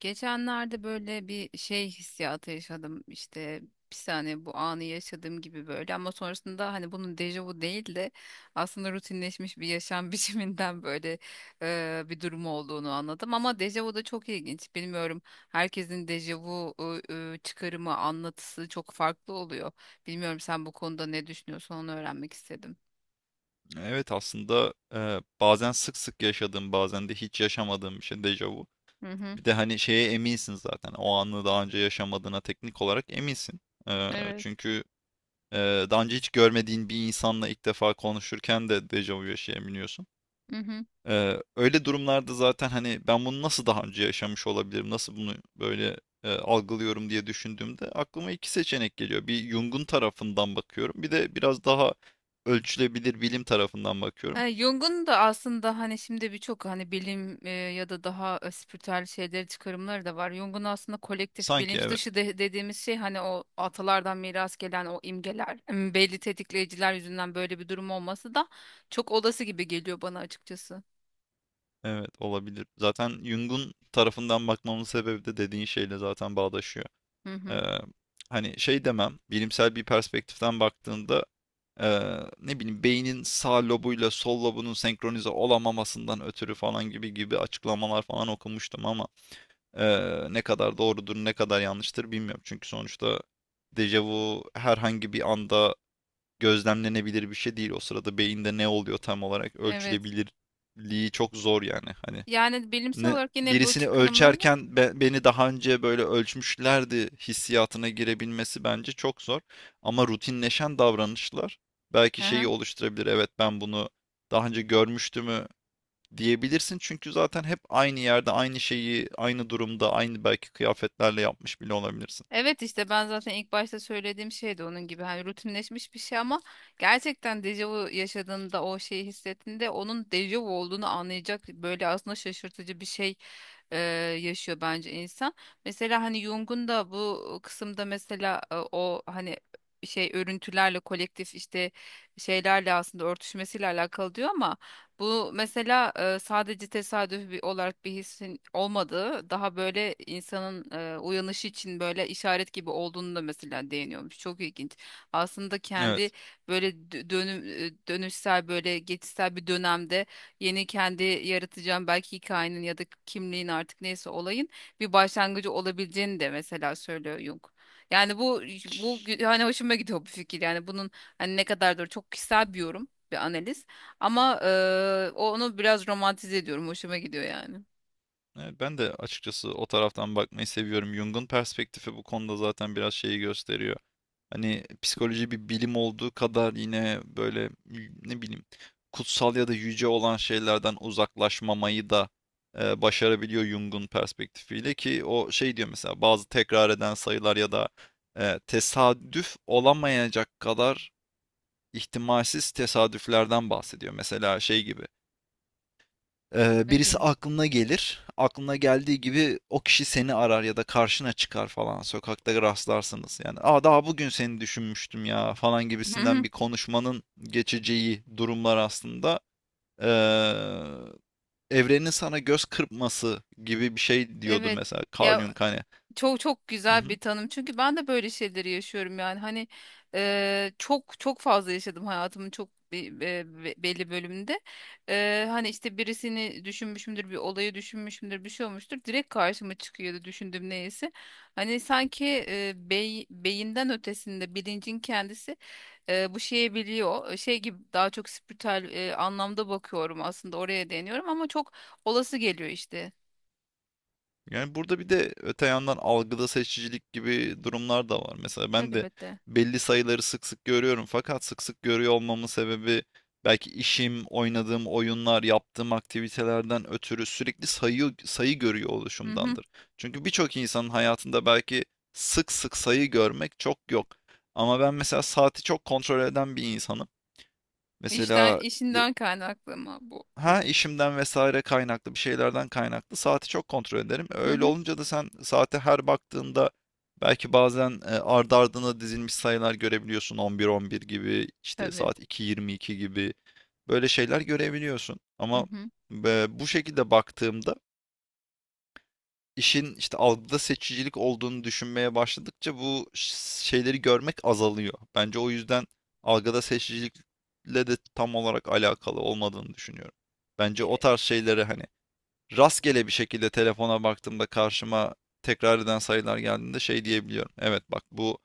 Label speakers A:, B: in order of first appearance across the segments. A: Geçenlerde böyle bir şey hissiyatı yaşadım işte, bir saniye, bu anı yaşadığım gibi böyle, ama sonrasında hani bunun dejavu değil de aslında rutinleşmiş bir yaşam biçiminden böyle bir durum olduğunu anladım, ama dejavu da çok ilginç. Bilmiyorum, herkesin dejavu çıkarımı, anlatısı çok farklı oluyor. Bilmiyorum, sen bu konuda ne düşünüyorsun, onu öğrenmek istedim.
B: Evet aslında bazen sık sık yaşadığım, bazen de hiç yaşamadığım bir şey dejavu.
A: Hı hı.
B: Bir de hani şeye eminsin zaten o anı daha önce yaşamadığına teknik olarak eminsin. E,
A: Evet.
B: çünkü e, daha önce hiç görmediğin bir insanla ilk defa konuşurken de dejavu yaşayabiliyorsun.
A: Hı hı.
B: Öyle durumlarda zaten hani ben bunu nasıl daha önce yaşamış olabilirim, nasıl bunu böyle algılıyorum diye düşündüğümde aklıma iki seçenek geliyor. Bir, Jung'un tarafından bakıyorum, bir de biraz daha ölçülebilir bilim tarafından bakıyorum.
A: Yani Jung'un da aslında, hani şimdi birçok hani bilim ya da daha spiritüel şeyleri, çıkarımları da var. Jung'un aslında kolektif
B: Sanki
A: bilinç
B: evet,
A: dışı dediğimiz şey, hani o atalardan miras gelen o imgeler, belli tetikleyiciler yüzünden böyle bir durum olması da çok olası gibi geliyor bana açıkçası.
B: evet olabilir. Zaten Jung'un tarafından bakmamın sebebi de dediğin şeyle zaten bağdaşıyor.
A: Hı hı.
B: Eee, Hani şey demem, bilimsel bir perspektiften baktığında ne bileyim beynin sağ lobuyla sol lobunun senkronize olamamasından ötürü falan gibi gibi açıklamalar falan okumuştum, ama ne kadar doğrudur ne kadar yanlıştır bilmiyorum. Çünkü sonuçta dejavu herhangi bir anda gözlemlenebilir bir şey değil. O sırada beyinde ne oluyor tam olarak,
A: Evet.
B: ölçülebilirliği çok zor yani, hani
A: Yani bilimsel olarak yine bu
B: birisini
A: çıkarımları var.
B: ölçerken beni daha önce böyle ölçmüşlerdi hissiyatına girebilmesi bence çok zor. Ama rutinleşen davranışlar belki
A: Hı
B: şeyi
A: hı.
B: oluşturabilir. Evet, ben bunu daha önce görmüştümü diyebilirsin. Çünkü zaten hep aynı yerde, aynı şeyi, aynı durumda, aynı belki kıyafetlerle yapmış bile olabilirsin.
A: Evet, işte ben zaten ilk başta söylediğim şey de onun gibi, hani rutinleşmiş bir şey, ama gerçekten dejavu yaşadığında, o şeyi hissettiğinde, onun dejavu olduğunu anlayacak böyle, aslında şaşırtıcı bir şey e, yaşıyor bence insan. Mesela hani Jung'un da bu kısımda mesela o hani şey örüntülerle, kolektif işte şeylerle aslında örtüşmesiyle alakalı diyor, ama bu mesela sadece tesadüf olarak bir hissin olmadığı, daha böyle insanın uyanışı için böyle işaret gibi olduğunu da mesela değiniyormuş. Çok ilginç. Aslında kendi
B: Evet.
A: böyle dönüşsel, böyle geçişsel bir dönemde yeni kendi yaratacağım belki hikayenin ya da kimliğin, artık neyse olayın bir başlangıcı olabileceğini de mesela söylüyor Jung. Yani bu hani hoşuma gidiyor bu fikir. Yani bunun hani ne kadardır çok kişisel bir yorum, bir analiz. Ama onu biraz romantize ediyorum. Hoşuma gidiyor yani.
B: Evet, ben de açıkçası o taraftan bakmayı seviyorum. Jung'un perspektifi bu konuda zaten biraz şeyi gösteriyor. Hani psikoloji bir bilim olduğu kadar, yine böyle ne bileyim kutsal ya da yüce olan şeylerden uzaklaşmamayı da başarabiliyor Jung'un perspektifiyle, ki o şey diyor, mesela bazı tekrar eden sayılar ya da tesadüf olamayacak kadar ihtimalsiz tesadüflerden bahsediyor. Mesela şey gibi. Ee,
A: Ne
B: birisi
A: gibi?
B: aklına gelir. Aklına geldiği gibi o kişi seni arar ya da karşına çıkar falan. Sokakta rastlarsınız. Yani, Aa, daha bugün seni düşünmüştüm ya, falan
A: Hı
B: gibisinden
A: hı.
B: bir konuşmanın geçeceği durumlar aslında. Ee, evrenin sana göz kırpması gibi bir şey diyordu
A: Evet.
B: mesela Carl
A: Ya,
B: Jung, hani.
A: çok çok
B: Hı
A: güzel
B: hı.
A: bir tanım. Çünkü ben de böyle şeyleri yaşıyorum yani. Hani çok çok fazla yaşadım hayatımın çok belli bölümünde. Hani işte birisini düşünmüşümdür, bir olayı düşünmüşümdür, bir şey olmuştur. Direkt karşıma çıkıyordu düşündüğüm neyse. Hani sanki beyinden ötesinde bilincin kendisi bu şeyi biliyor. Şey gibi, daha çok spiritüel anlamda bakıyorum, aslında oraya değiniyorum, ama çok olası geliyor işte.
B: Yani, burada bir de öte yandan algıda seçicilik gibi durumlar da var. Mesela ben de
A: Elbette.
B: belli sayıları sık sık görüyorum. Fakat sık sık görüyor olmamın sebebi belki işim, oynadığım oyunlar, yaptığım aktivitelerden ötürü sürekli sayı sayı görüyor
A: Hı hı.
B: oluşumdandır. Çünkü birçok insanın hayatında belki sık sık sayı görmek çok yok. Ama ben mesela saati çok kontrol eden bir insanım. Mesela.
A: İşinden kaynaklı mı bu
B: Ha,
A: peki?
B: işimden vesaire kaynaklı, bir şeylerden kaynaklı saati çok kontrol ederim.
A: Hı
B: Öyle
A: hı.
B: olunca da sen saate her baktığında belki bazen ardı ardına dizilmiş sayılar görebiliyorsun. 11:11 gibi, işte
A: Tabii.
B: saat 2:22 gibi böyle şeyler görebiliyorsun.
A: Hı
B: Ama
A: hı.
B: bu şekilde baktığımda, işin işte algıda seçicilik olduğunu düşünmeye başladıkça bu şeyleri görmek azalıyor. Bence o yüzden algıda seçicilikle de tam olarak alakalı olmadığını düşünüyorum. Bence o
A: E,
B: tarz şeyleri, hani rastgele bir şekilde telefona baktığımda karşıma tekrar eden sayılar geldiğinde, şey diyebiliyorum. Evet, bak, bu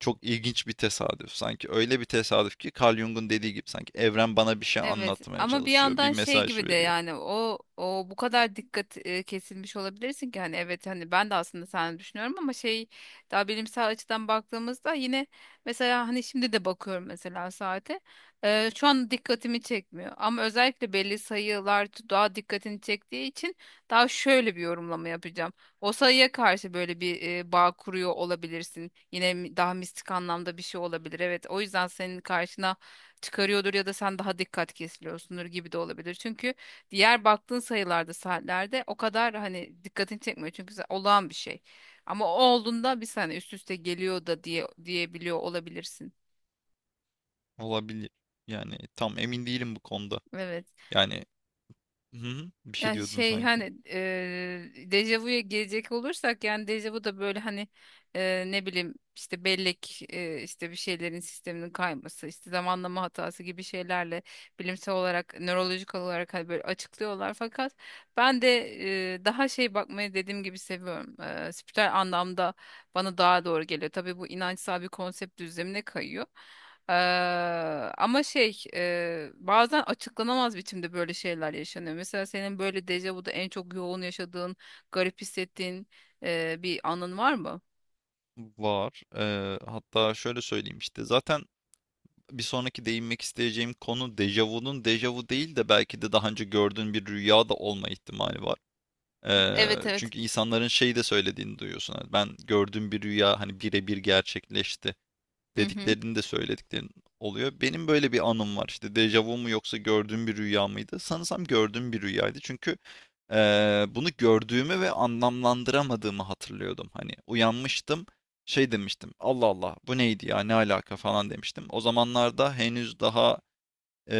B: çok ilginç bir tesadüf. Sanki öyle bir tesadüf ki, Carl Jung'un dediği gibi, sanki evren bana bir şey
A: Evet,
B: anlatmaya
A: ama bir
B: çalışıyor, bir
A: yandan şey
B: mesaj
A: gibi de
B: veriyor.
A: yani o bu kadar dikkat kesilmiş olabilirsin, ki hani evet, hani ben de aslında sen düşünüyorum, ama şey, daha bilimsel açıdan baktığımızda yine, mesela hani şimdi de bakıyorum mesela saate, şu an dikkatimi çekmiyor, ama özellikle belli sayılar daha dikkatini çektiği için daha şöyle bir yorumlama yapacağım. O sayıya karşı böyle bir bağ kuruyor olabilirsin. Yine daha mistik anlamda bir şey olabilir. Evet, o yüzden senin karşına çıkarıyordur ya da sen daha dikkat kesiliyorsundur gibi de olabilir. Çünkü diğer baktığın sayılarda, saatlerde o kadar hani dikkatini çekmiyor. Çünkü olağan bir şey. Ama o olduğunda, bir saniye üst üste geliyor da diye diyebiliyor olabilirsin.
B: Olabilir. Yani tam emin değilim bu konuda.
A: Evet.
B: Yani. Hı hı. Bir şey
A: Ya
B: diyordun
A: şey,
B: sanki.
A: hani dejavuya gelecek olursak, yani dejavu da böyle hani ne bileyim işte bellek, işte bir şeylerin sisteminin kayması, işte zamanlama hatası gibi şeylerle bilimsel olarak, nörolojik olarak hani böyle açıklıyorlar, fakat ben de daha şey bakmayı dediğim gibi seviyorum. Spiritüel anlamda bana daha doğru geliyor. Tabii bu inançsal bir konsept düzlemine kayıyor. Ee, ama şey, bazen açıklanamaz biçimde böyle şeyler yaşanıyor. Mesela senin böyle dejavuda en çok yoğun yaşadığın, garip hissettiğin bir anın var mı?
B: Var. Hatta şöyle söyleyeyim işte. Zaten bir sonraki değinmek isteyeceğim konu, dejavunun dejavu değil de belki de daha önce gördüğün bir rüya da olma ihtimali var. Eee,
A: Evet, evet.
B: çünkü insanların şeyi de söylediğini duyuyorsun. Hani, ben gördüğüm bir rüya hani birebir gerçekleşti,
A: Hı hı.
B: dediklerini de söylediklerin oluyor. Benim böyle bir anım var. İşte dejavu mu yoksa gördüğüm bir rüya mıydı? Sanırsam gördüğüm bir rüyaydı. Çünkü bunu gördüğümü ve anlamlandıramadığımı hatırlıyordum. Hani uyanmıştım, şey demiştim. Allah Allah, bu neydi ya? Ne alaka, falan demiştim. O zamanlarda henüz daha eee,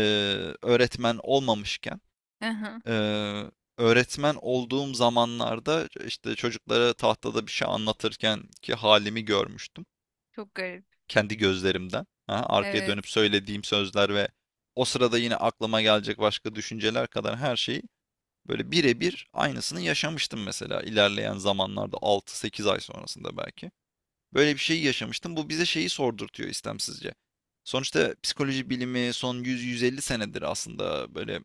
B: öğretmen olmamışken,
A: Aha,
B: eee öğretmen olduğum zamanlarda işte çocuklara tahtada bir şey anlatırken ki halimi görmüştüm
A: çok garip.
B: kendi gözlerimden. Aha, arkaya dönüp
A: Evet.
B: söylediğim sözler ve o sırada yine aklıma gelecek başka düşünceler kadar her şeyi böyle birebir aynısını yaşamıştım, mesela ilerleyen zamanlarda 6-8 ay sonrasında belki. Böyle bir şeyi yaşamıştım. Bu bize şeyi sordurtuyor istemsizce. Sonuçta psikoloji bilimi son 100-150 senedir aslında böyle,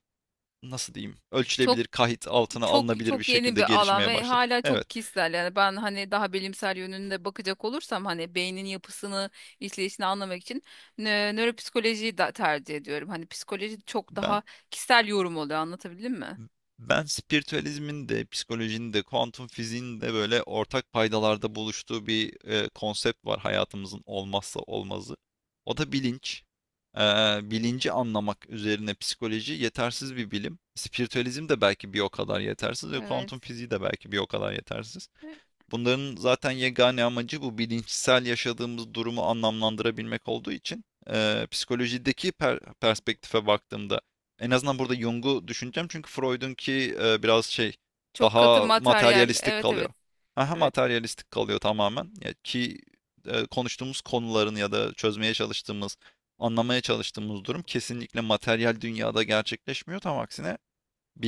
B: nasıl diyeyim,
A: Çok
B: ölçülebilir, kahit altına
A: çok
B: alınabilir bir
A: çok yeni
B: şekilde
A: bir alan
B: gelişmeye
A: ve
B: başladı.
A: hala
B: Evet.
A: çok kişisel. Yani ben hani daha bilimsel yönünde bakacak olursam, hani beynin yapısını, işleyişini anlamak için nöropsikolojiyi da tercih ediyorum. Hani psikoloji çok
B: ben
A: daha kişisel yorum oluyor. Anlatabildim mi?
B: Ben spiritüalizmin de, psikolojinin de, kuantum fiziğin de böyle ortak paydalarda buluştuğu bir konsept var, hayatımızın olmazsa olmazı. O da bilinç. Ee, bilinci anlamak üzerine psikoloji yetersiz bir bilim. Spiritüalizm de belki bir o kadar yetersiz ve kuantum
A: Evet.
B: fiziği de belki bir o kadar yetersiz. Bunların zaten yegane amacı bu bilinçsel yaşadığımız durumu anlamlandırabilmek olduğu için psikolojideki perspektife baktığımda en azından burada Jung'u düşüneceğim, çünkü Freud'unki biraz şey,
A: Çok katı
B: daha
A: materyal.
B: materyalistik
A: Evet,
B: kalıyor.
A: evet.
B: Aha,
A: Evet.
B: materyalistik kalıyor tamamen. Ya ki konuştuğumuz konuların ya da çözmeye çalıştığımız, anlamaya çalıştığımız durum kesinlikle materyal dünyada gerçekleşmiyor. Tam aksine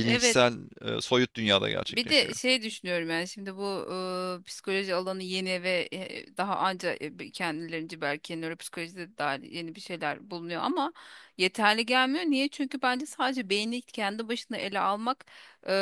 A: Evet.
B: soyut dünyada
A: Bir de
B: gerçekleşiyor.
A: şey düşünüyorum yani, şimdi bu psikoloji alanı yeni ve daha anca kendilerince belki nöropsikolojide de dahil yeni bir şeyler bulunuyor, ama yeterli gelmiyor. Niye? Çünkü bence sadece beyni kendi başına ele almak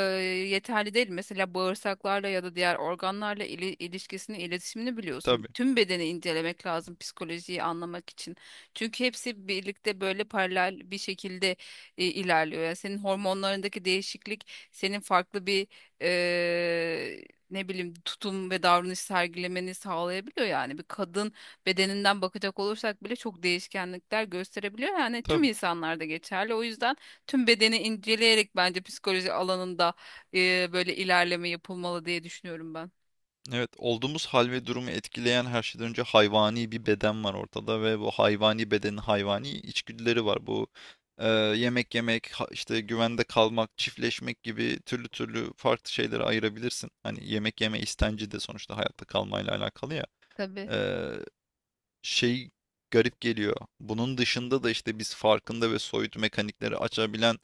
A: yeterli değil. Mesela bağırsaklarla ya da diğer organlarla ilişkisini, iletişimini biliyorsun.
B: Tabii,
A: Tüm bedeni incelemek lazım psikolojiyi anlamak için. Çünkü hepsi birlikte böyle paralel bir şekilde ilerliyor. Yani senin hormonlarındaki değişiklik senin farklı bir ne bileyim tutum ve davranış sergilemeni sağlayabiliyor yani. Bir kadın bedeninden bakacak olursak bile çok değişkenlikler gösterebiliyor. Yani tüm
B: tabii ki.
A: insanlarda geçerli. O yüzden tüm bedeni inceleyerek bence psikoloji alanında böyle ilerleme yapılmalı diye düşünüyorum ben.
B: Evet, olduğumuz hal ve durumu etkileyen her şeyden önce hayvani bir beden var ortada ve bu hayvani bedenin hayvani içgüdüleri var. Bu yemek yemek, işte güvende kalmak, çiftleşmek gibi türlü türlü farklı şeyleri ayırabilirsin. Hani yemek yeme istenci de sonuçta hayatta kalmayla alakalı ya.
A: Tabii.
B: E, şey garip geliyor. Bunun dışında da işte biz farkında ve soyut mekanikleri açabilen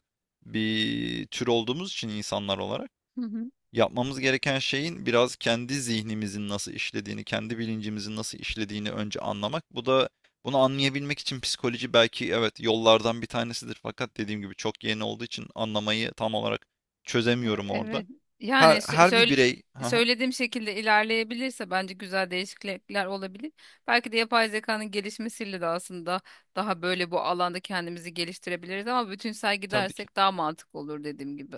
B: bir tür olduğumuz için, insanlar olarak.
A: Hı hı.
B: Yapmamız gereken şeyin, biraz kendi zihnimizin nasıl işlediğini, kendi bilincimizin nasıl işlediğini önce anlamak. Bu da, bunu anlayabilmek için psikoloji belki, evet, yollardan bir tanesidir. Fakat dediğim gibi çok yeni olduğu için anlamayı tam olarak çözemiyorum orada.
A: Evet. Yani
B: Her her bir birey, ha,
A: söylediğim şekilde ilerleyebilirse bence güzel değişiklikler olabilir. Belki de yapay zekanın gelişmesiyle de aslında daha böyle bu alanda kendimizi geliştirebiliriz, ama bütünsel
B: tabii ki.
A: gidersek daha mantıklı olur dediğim gibi.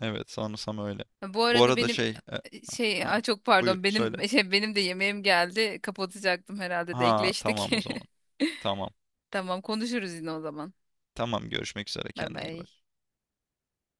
B: Evet, sanırsam öyle.
A: Bu
B: Bu
A: arada
B: arada
A: benim
B: şey,
A: şey,
B: ha,
A: ay çok
B: buyur
A: pardon,
B: söyle.
A: benim şey, benim de yemeğim geldi. Kapatacaktım, herhalde
B: Ha,
A: denkleştik.
B: tamam o zaman. Tamam.
A: Tamam, konuşuruz yine o zaman.
B: Tamam, görüşmek üzere,
A: Bay
B: kendine iyi bak.
A: bay.